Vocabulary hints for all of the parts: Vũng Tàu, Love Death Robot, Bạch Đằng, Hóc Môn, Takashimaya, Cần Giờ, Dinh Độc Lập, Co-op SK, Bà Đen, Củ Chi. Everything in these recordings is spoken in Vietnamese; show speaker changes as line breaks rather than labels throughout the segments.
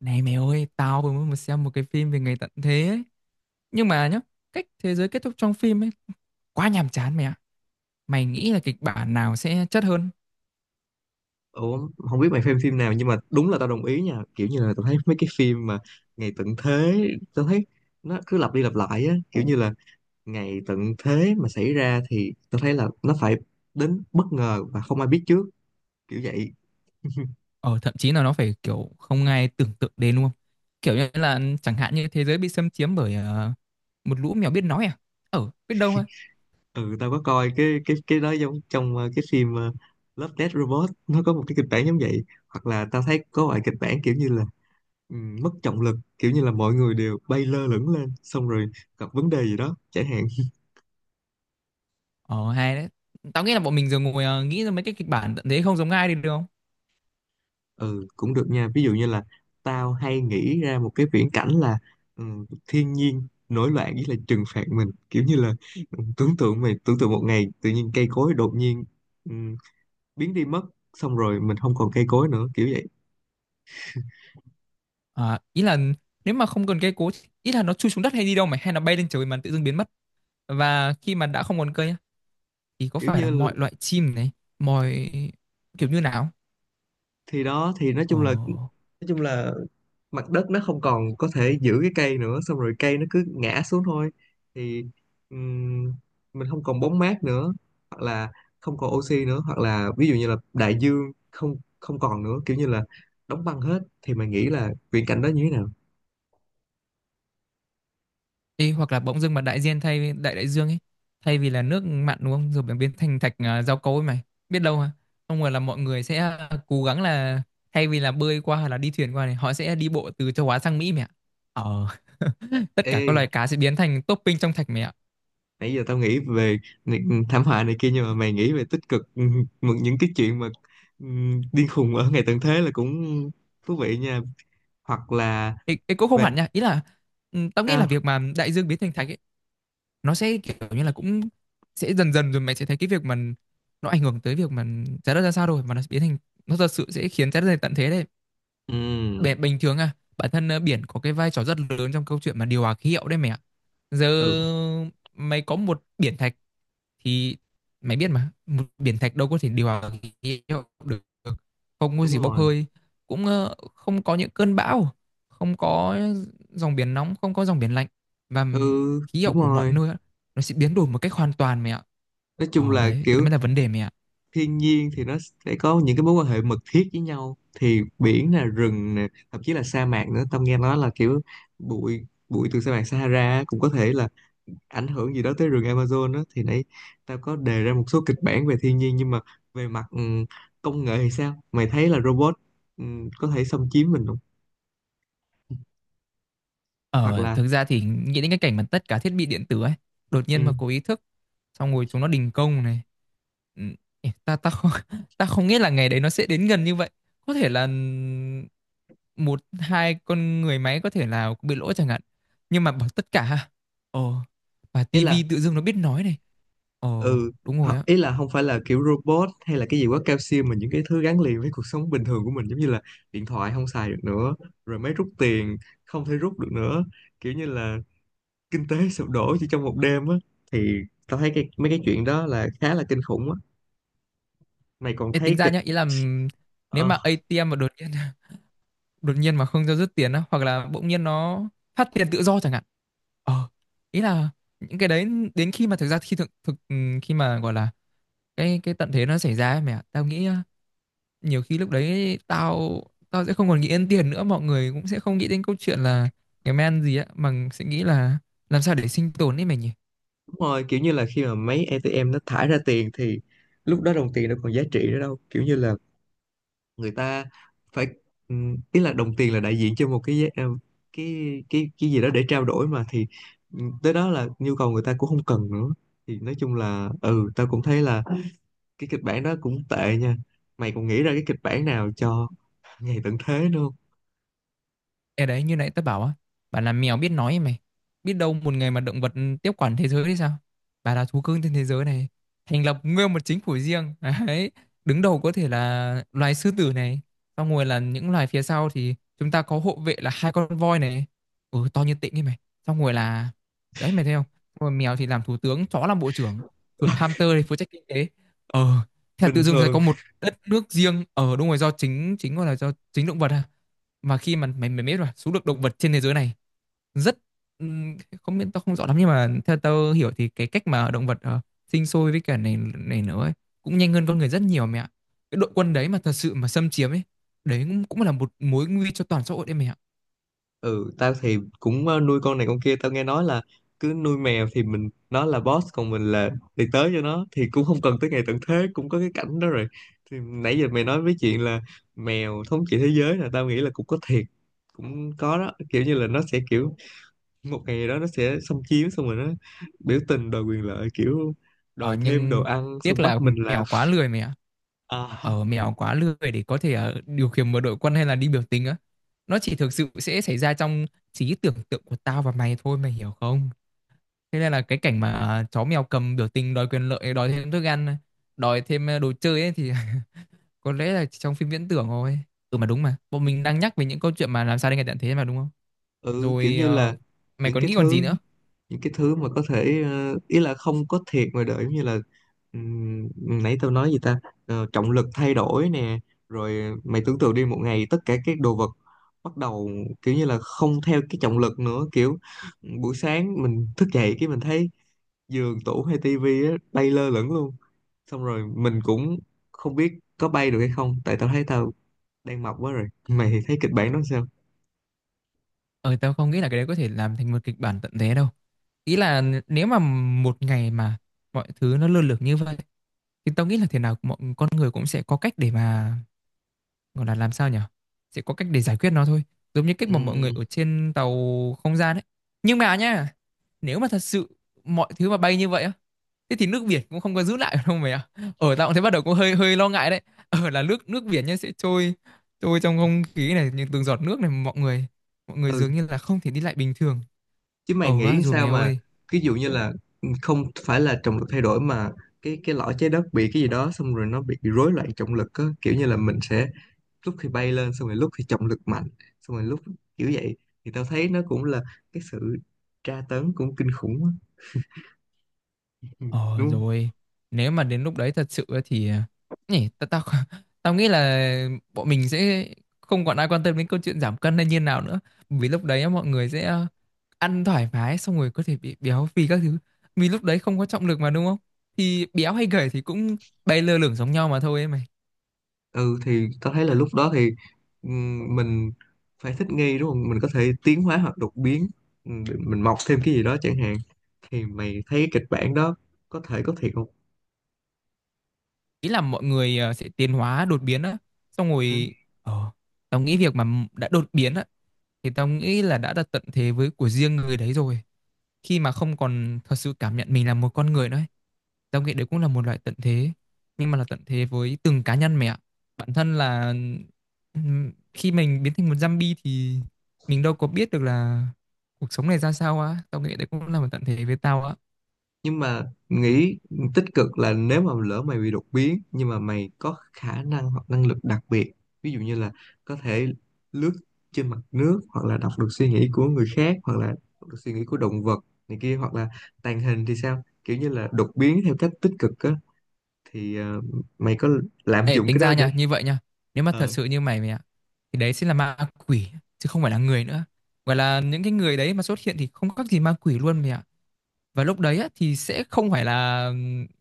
Này mày ơi, tao vừa mới mới xem một cái phim về ngày tận thế ấy. Nhưng mà nhá, cách thế giới kết thúc trong phim ấy quá nhàm chán mày ạ. Mày nghĩ là kịch bản nào sẽ chất hơn?
Ủa, không biết mày phim phim nào nhưng mà đúng là tao đồng ý nha, kiểu như là tao thấy mấy cái phim mà ngày tận thế, tao thấy nó cứ lặp đi lặp lại á, kiểu như là ngày tận thế mà xảy ra thì tao thấy là nó phải đến bất ngờ và không ai biết trước, kiểu vậy.
Ờ thậm chí là nó phải kiểu không ai tưởng tượng đến luôn. Kiểu như là chẳng hạn như thế giới bị xâm chiếm bởi một lũ mèo biết nói à? Ờ, biết đâu thôi.
Ừ, tao có coi cái đó giống trong cái phim Love Death Robot, nó có một cái kịch bản giống vậy. Hoặc là tao thấy có loại kịch bản kiểu như là ừ, mất trọng lực, kiểu như là mọi người đều bay lơ lửng lên, xong rồi gặp vấn đề gì đó chẳng hạn.
Ờ hay đấy. Tao nghĩ là bọn mình giờ ngồi nghĩ ra mấy cái kịch bản tận thế không giống ai đi được không?
Ừ, cũng được nha. Ví dụ như là tao hay nghĩ ra một cái viễn cảnh là ừ, thiên nhiên nổi loạn với là trừng phạt mình, kiểu như là tưởng tượng, mày tưởng tượng một ngày tự nhiên cây cối đột nhiên ừ, biến đi mất, xong rồi mình không còn cây cối nữa, kiểu vậy.
À, ý là nếu mà không cần cây cối, ý là nó chui xuống đất hay đi đâu mày hay nó bay lên trời mà tự dưng biến mất. Và khi mà đã không còn cây thì có
kiểu
phải là
như là-
mọi loại chim này mọi kiểu như nào.
thì đó, thì nói
Ờ.
chung là, nói chung là mặt đất nó không còn có thể giữ cái cây nữa, xong rồi cây nó cứ ngã xuống thôi. Thì ừm, mình không còn bóng mát nữa, hoặc là không còn oxy nữa, hoặc là ví dụ như là đại dương không không còn nữa, kiểu như là đóng băng hết. Thì mày nghĩ là viễn cảnh đó như thế nào?
Ê, hoặc là bỗng dưng mà đại dương thay đại đại dương ấy thay vì là nước mặn đúng không rồi biến biến thành thạch à, rau câu ấy mày biết đâu mà không ngờ là mọi người sẽ cố gắng là thay vì là bơi qua hoặc là đi thuyền qua này họ sẽ đi bộ từ châu Á sang Mỹ mẹ ạ. Ờ. Tất cả các
Ê,
loài cá sẽ biến thành topping trong thạch mẹ ạ.
nãy giờ tao nghĩ về ni- thảm họa này kia, nhưng mà mày nghĩ về tích cực, một những cái chuyện mà điên khùng ở ngày tận thế là cũng thú vị nha. Hoặc là
Ê, ê, cũng không
về
hẳn nha, ý là ừ, tao nghĩ là
sao?
việc mà đại dương biến thành thạch ấy nó sẽ kiểu như là cũng sẽ dần dần rồi mày sẽ thấy cái việc mà nó ảnh hưởng tới việc mà trái đất ra sao rồi mà nó biến thành, nó thật sự sẽ khiến trái đất này tận thế đấy.
Ừm,
Bình thường à bản thân biển có cái vai trò rất lớn trong câu chuyện mà điều hòa khí hậu đấy mẹ ạ. Giờ
ừ
mày có một biển thạch thì mày biết mà một biển thạch đâu có thể điều hòa khí hậu được. Không có
đúng
gì bốc
rồi.
hơi, cũng không có những cơn bão, không có dòng biển nóng, không có dòng biển lạnh, và
Ừ
khí hậu
đúng
của mọi
rồi,
nơi nó sẽ biến đổi một cách hoàn toàn mẹ ạ.
nói chung
Ờ
là
đấy, đấy
kiểu
mới là vấn đề mẹ ạ.
thiên nhiên thì nó sẽ có những cái mối quan hệ mật thiết với nhau, thì biển nè, rừng nè, thậm chí là sa mạc nữa. Tâm nghe nói là kiểu bụi bụi từ sa mạc Sahara cũng có thể là ảnh hưởng gì đó tới rừng Amazon đó. Thì nãy tao có đề ra một số kịch bản về thiên nhiên, nhưng mà về mặt công nghệ thì sao? Mày thấy là robot có thể xâm chiếm mình không? Hoặc
Ờ,
là
thực ra thì nghĩ đến cái cảnh mà tất cả thiết bị điện tử ấy, đột
ừ,
nhiên mà có ý thức, xong rồi chúng nó đình công này. Ừ, ê, ta ta không ta không nghĩ là ngày đấy nó sẽ đến gần như vậy. Có thể là một hai con người máy có thể là bị lỗi chẳng hạn. Nhưng mà bằng tất cả ha. Ờ, và
ý là
tivi tự dưng nó biết nói này. Ờ,
ừ.
đúng rồi á.
Ý là không phải là kiểu robot hay là cái gì quá cao siêu, mà những cái thứ gắn liền với cuộc sống bình thường của mình, giống như là điện thoại không xài được nữa, rồi máy rút tiền không thể rút được nữa, kiểu như là kinh tế sụp đổ chỉ trong một đêm á. Thì tao thấy cái mấy cái chuyện đó là khá là kinh khủng á. Mày còn
Ê, tính
thấy
ra
kịch.
nhá, ý là nếu
Ờ
mà ATM mà đột nhiên đột nhiên mà không cho rút tiền á, hoặc là bỗng nhiên nó phát tiền tự do chẳng hạn. Ờ, ý là những cái đấy đến khi mà thực ra khi thực thực khi mà gọi là cái tận thế nó xảy ra ấy mẹ ạ, tao nghĩ ờ, nhiều khi lúc đấy tao tao sẽ không còn nghĩ đến tiền nữa, mọi người cũng sẽ không nghĩ đến câu chuyện là ngày men gì á mà sẽ nghĩ là làm sao để sinh tồn ấy mày nhỉ.
đúng rồi, kiểu như là khi mà mấy ATM nó thải ra tiền thì lúc đó đồng tiền nó còn giá trị nữa đâu, kiểu như là người ta phải ý là đồng tiền là đại diện cho một cái ờ, cái gì đó để trao đổi mà. Thì tới đó là nhu cầu người ta cũng không cần nữa. Thì nói chung là ừ, tao cũng thấy là cái kịch bản đó cũng tệ nha. Mày còn nghĩ ra cái kịch bản nào cho ngày tận thế nữa không?
Ê đấy như nãy tớ bảo á, bà là mèo biết nói ấy mày. Biết đâu một ngày mà động vật tiếp quản thế giới thì sao. Bà là thú cưng trên thế giới này, thành lập nguyên một chính phủ riêng. Đấy, đứng đầu có thể là loài sư tử này. Xong rồi là những loài phía sau thì chúng ta có hộ vệ là hai con voi này. Ừ, to như tịnh ấy mày. Xong rồi là, đấy mày thấy không, xong rồi mèo thì làm thủ tướng, chó làm bộ trưởng, chuột hamster thì phụ trách kinh tế. Ờ, thế là tự
Bình
dưng sẽ
thường
có một đất nước riêng. Ờ đúng rồi, do chính, chính gọi là do chính động vật à, mà khi mà mày mày biết rồi số lượng động vật trên thế giới này rất ừm, không biết, tao không rõ lắm nhưng mà theo tao hiểu thì cái cách mà động vật ờ, sinh sôi với cả này này nữa ấy, cũng nhanh hơn con người rất nhiều mẹ ạ. Cái đội quân đấy mà thật sự mà xâm chiếm ấy, đấy cũng, cũng là một mối nguy cho toàn xã hội đấy mẹ ạ.
ừ, tao thì cũng nuôi con này con kia. Tao nghe nói là cứ nuôi mèo thì mình nó là boss, còn mình là đi tới cho nó, thì cũng không cần tới ngày tận thế cũng có cái cảnh đó rồi. Thì nãy giờ mày nói với chuyện là mèo thống trị thế giới là tao nghĩ là cũng có thiệt, cũng có đó, kiểu như là nó sẽ kiểu một ngày đó nó sẽ xâm chiếm xong rồi nó biểu tình đòi quyền lợi, kiểu
Ờ,
đòi thêm đồ
nhưng
ăn, xong
tiếc
bắt
là
mình làm.
mèo quá lười mẹ ạ.
À,
Ờ, mèo quá lười để có thể ờ, điều khiển một đội quân hay là đi biểu tình á. Nó chỉ thực sự sẽ xảy ra trong trí tưởng tượng của tao và mày thôi mày hiểu không. Thế nên là cái cảnh mà à, chó mèo cầm biểu tình đòi quyền lợi, đòi thêm thức ăn, đòi thêm à, đồ chơi ấy thì có lẽ là chỉ trong phim viễn tưởng thôi. Ừ mà đúng, mà bọn mình đang nhắc về những câu chuyện mà làm sao để ngày tận thế mà đúng không.
ừ, kiểu
Rồi
như
ờ,
là
mày
những
còn
cái
nghĩ còn gì
thứ,
nữa.
những cái thứ mà có thể ý là không có thiệt ngoài đời, giống như là ừm, nãy tao nói gì ta? Ờ, trọng lực thay đổi nè. Rồi mày tưởng tượng đi, một ngày tất cả các đồ vật bắt đầu kiểu như là không theo cái trọng lực nữa, kiểu buổi sáng mình thức dậy cái mình thấy giường, tủ hay tivi á bay lơ lửng luôn. Xong rồi mình cũng không biết có bay được hay không, tại tao thấy tao đang mập quá rồi. Mày thấy kịch bản đó sao?
Ờ tao không nghĩ là cái đấy có thể làm thành một kịch bản tận thế đâu. Ý là nếu mà một ngày mà mọi thứ nó lơ lửng như vậy thì tao nghĩ là thế nào mọi con người cũng sẽ có cách để mà, gọi là làm sao nhỉ? Sẽ có cách để giải quyết nó thôi. Giống như cách mà mọi người ở trên tàu không gian ấy. Nhưng mà nhá, nếu mà thật sự mọi thứ mà bay như vậy á, thế thì nước biển cũng không có giữ lại đâu mày ạ. Ở tao cũng thấy bắt đầu cũng hơi hơi lo ngại đấy. Ở là nước nước biển nhá sẽ trôi trôi trong không khí này, những từng giọt nước này, mọi người
Ừ,
dường như là không thể đi lại bình thường.
chứ mày
Ở á
nghĩ
rồi
sao
mày
mà
ơi.
ví dụ như là ừ, không phải là trọng lực thay đổi, mà cái lõi trái đất bị cái gì đó xong rồi nó bị rối loạn trọng lực á, kiểu như là mình sẽ lúc thì bay lên, xong rồi lúc thì trọng lực mạnh, xong rồi lúc kiểu vậy. Thì tao thấy nó cũng là cái sự tra tấn cũng kinh khủng á. Ừ,
Ờ
đúng không?
rồi, nếu mà đến lúc đấy thật sự ấy thì à, nhỉ, tao tao tao nghĩ là bọn mình sẽ không còn ai quan tâm đến câu chuyện giảm cân hay như nào nữa, vì lúc đấy á, mọi người sẽ ờ, ăn thoải mái xong rồi có thể bị béo phì các thứ. Vì lúc đấy không có trọng lực mà đúng không? Thì béo hay gầy thì cũng bay lơ lửng giống nhau mà thôi ấy mày.
Ừ thì tao thấy là lúc đó thì mình phải thích nghi đúng không, mình có thể tiến hóa hoặc đột biến, mình mọc thêm cái gì đó chẳng hạn. Thì mày thấy cái kịch bản đó có thể có thiệt không?
Ý là mọi người ờ, sẽ tiến hóa đột biến á, xong rồi ờ tao nghĩ việc mà đã đột biến á thì tao nghĩ là đã đặt tận thế với của riêng người đấy rồi. Khi mà không còn thật sự cảm nhận mình là một con người nữa, tao nghĩ đấy cũng là một loại tận thế, nhưng mà là tận thế với từng cá nhân mày ạ. Bản thân là khi mình biến thành một zombie thì mình đâu có biết được là cuộc sống này ra sao á, tao nghĩ đấy cũng là một tận thế với tao á.
Nhưng mà nghĩ tích cực là nếu mà lỡ mày bị đột biến nhưng mà mày có khả năng hoặc năng lực đặc biệt, ví dụ như là có thể lướt trên mặt nước, hoặc là đọc được suy nghĩ của người khác, hoặc là đọc được suy nghĩ của động vật này kia, hoặc là tàng hình thì sao, kiểu như là đột biến theo cách tích cực á. Thì mày có lạm
Ê
dụng
tính
cái đó
ra
để
nha, như vậy nha, nếu mà thật
ờ,
sự như mày mày ạ thì đấy sẽ là ma quỷ chứ không phải là người nữa. Gọi là những cái người đấy mà xuất hiện thì không khác gì ma quỷ luôn mày ạ. Và lúc đấy á, thì sẽ không phải là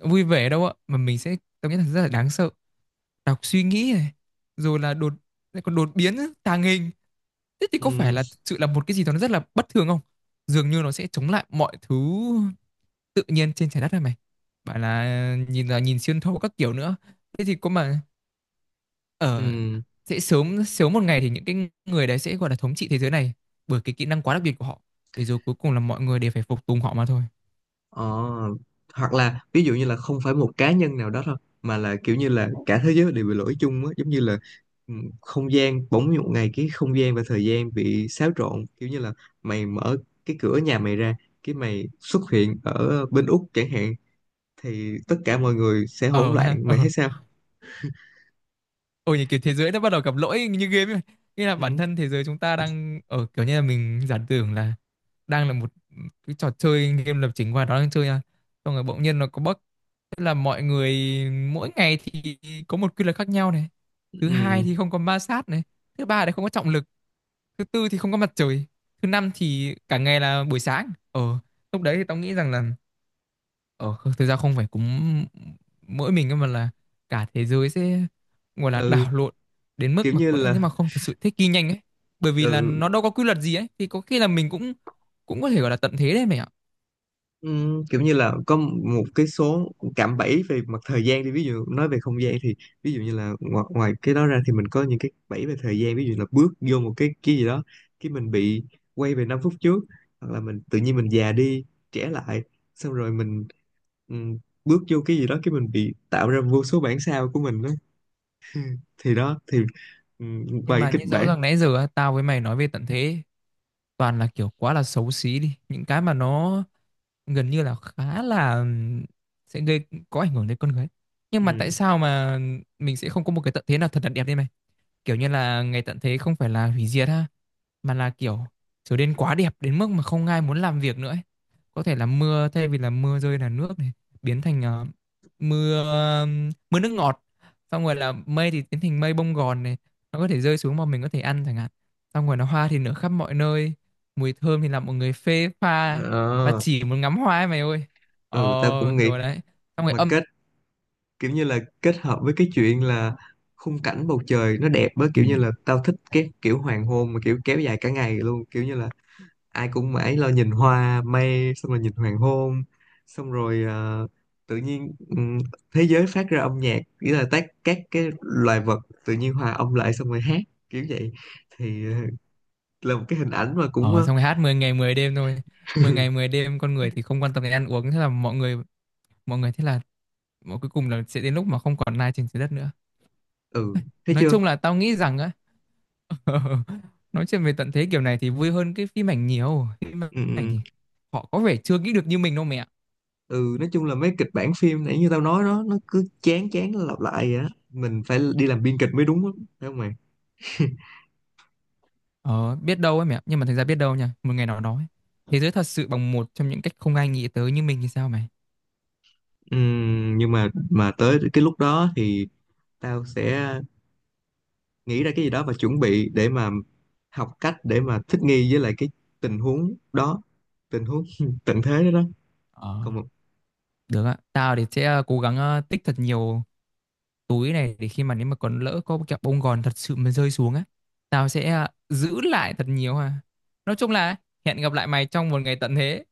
vui vẻ đâu ạ, mà mình sẽ cảm thấy rất là đáng sợ. Đọc suy nghĩ này, rồi là đột, lại còn đột biến á, tàng hình, thế thì có phải
ừm,
là thực sự là một cái gì đó nó rất là bất thường không. Dường như nó sẽ chống lại mọi thứ tự nhiên trên trái đất này mày, bảo là nhìn xuyên thấu các kiểu nữa, thế thì có mà ở
ừm,
sẽ sớm sớm một ngày thì những cái người đấy sẽ gọi là thống trị thế giới này bởi cái kỹ năng quá đặc biệt của họ, để rồi cuối cùng là mọi người đều phải phục tùng họ mà thôi.
ờ, hoặc là ví dụ như là không phải một cá nhân nào đó thôi, mà là kiểu như là cả thế giới đều bị lỗi chung á, giống như là ừ, không gian, bỗng một ngày cái không gian và thời gian bị xáo trộn, kiểu như là mày mở cái cửa nhà mày ra, cái mày xuất hiện ở bên Úc chẳng hạn. Thì tất cả mọi người sẽ hỗn
Ờ
loạn.
ha ờ,
Mày thấy sao?
ôi như kiểu thế giới nó bắt đầu gặp lỗi như game ấy. Nghĩa là
Ừ,
bản thân thế giới chúng ta đang ở, kiểu như là mình giả tưởng là đang là một cái trò chơi game lập trình và nó đang chơi nha. Xong rồi bỗng nhiên nó có bug. Tức là mọi người, mỗi ngày thì có một quy luật khác nhau này. Thứ hai
ừ,
thì không có ma sát này. Thứ ba thì không có trọng lực. Thứ tư thì không có mặt trời. Thứ năm thì cả ngày là buổi sáng. Ờ, lúc đấy thì tao nghĩ rằng là ờ, thực ra không phải cúm mỗi mình cơ mà là cả thế giới sẽ gọi là
ừ,
đảo lộn đến
kiểu
mức mà
như
có lẽ nếu
là
mà không thật sự thích nghi nhanh ấy, bởi vì là
ừ.
nó đâu có quy luật gì ấy thì có khi là mình cũng, cũng có thể gọi là tận thế đấy mày ạ.
Kiểu như là có một cái số cạm bẫy về mặt thời gian đi, ví dụ nói về không gian thì ví dụ như là ngoài cái đó ra thì mình có những cái bẫy về thời gian, ví dụ là bước vô một cái gì đó, cái mình bị quay về 5 phút trước, hoặc là mình tự nhiên mình già đi, trẻ lại, xong rồi mình ừm, bước vô cái gì đó cái mình bị tạo ra vô số bản sao của mình đó. Thì đó thì
Nhưng
vài cái
mà
kịch
như rõ
bản.
ràng nãy giờ á, tao với mày nói về tận thế toàn là kiểu quá là xấu xí đi, những cái mà nó gần như là khá là sẽ gây có ảnh hưởng đến con người, nhưng mà tại
Ừm,
sao mà mình sẽ không có một cái tận thế nào thật là đẹp đi mày. Kiểu như là ngày tận thế không phải là hủy diệt ha, mà là kiểu trở nên quá đẹp đến mức mà không ai muốn làm việc nữa ấy. Có thể là mưa thay vì là mưa rơi là nước này, biến thành ờ, mưa, mưa nước ngọt, xong rồi là mây thì biến thành mây bông gòn này, nó có thể rơi xuống mà mình có thể ăn chẳng hạn, xong rồi là hoa thì nở khắp mọi nơi, mùi thơm thì làm mọi người phê pha và
ờ,
chỉ muốn ngắm hoa ấy mày ơi. Ờ
ừ tao cũng nghĩ
rồi đấy, xong rồi
mà
âm.
kết, kiểu như là kết hợp với cái chuyện là khung cảnh bầu trời nó đẹp á,
Ừ.
kiểu như là tao thích cái kiểu hoàng hôn mà kiểu kéo dài cả ngày luôn, kiểu như là ai cũng mãi lo nhìn hoa, mây, xong rồi nhìn hoàng hôn, xong rồi tự nhiên thế giới phát ra âm nhạc, nghĩa là tác các cái loài vật tự nhiên hòa âm lại xong rồi hát, kiểu vậy. Thì là một cái hình ảnh mà cũng
Ờ
ờ,
xong rồi hát 10 ngày 10 đêm thôi. 10 ngày mười đêm con người thì không quan tâm đến ăn uống, thế là mọi người, mọi người thế là, mà cuối cùng là sẽ đến lúc mà không còn lai trên trái đất nữa.
ừ thấy
Nói
chưa.
chung là tao nghĩ rằng á, nói chuyện về tận thế kiểu này thì vui hơn cái phim ảnh nhiều. Phim
Ừ,
ảnh
ừ.
thì họ có vẻ chưa nghĩ được như mình đâu mẹ.
Ừ nói chung là mấy kịch bản phim nãy như tao nói đó nó cứ chán chán, nó lặp lại vậy á, mình phải đi làm biên kịch mới đúng á. Phải không mày?
Ờ biết đâu ấy mẹ, nhưng mà thành ra biết đâu nha, một ngày nào đó ấy, thế giới thật sự bằng một trong những cách không ai nghĩ tới như mình thì sao mày.
Nhưng mà tới cái lúc đó thì tao sẽ nghĩ ra cái gì đó và chuẩn bị để mà học cách để mà thích nghi với lại cái tình huống đó, tình huống tận thế đó đó.
Ờ
Còn
được ạ, tao thì sẽ ờ, cố gắng ờ, tích thật nhiều túi này để khi mà nếu mà còn lỡ có kẹo bông gòn thật sự mà rơi xuống á, tao sẽ ờ, giữ lại thật nhiều ha. Nói chung là hẹn gặp lại mày trong một ngày tận thế.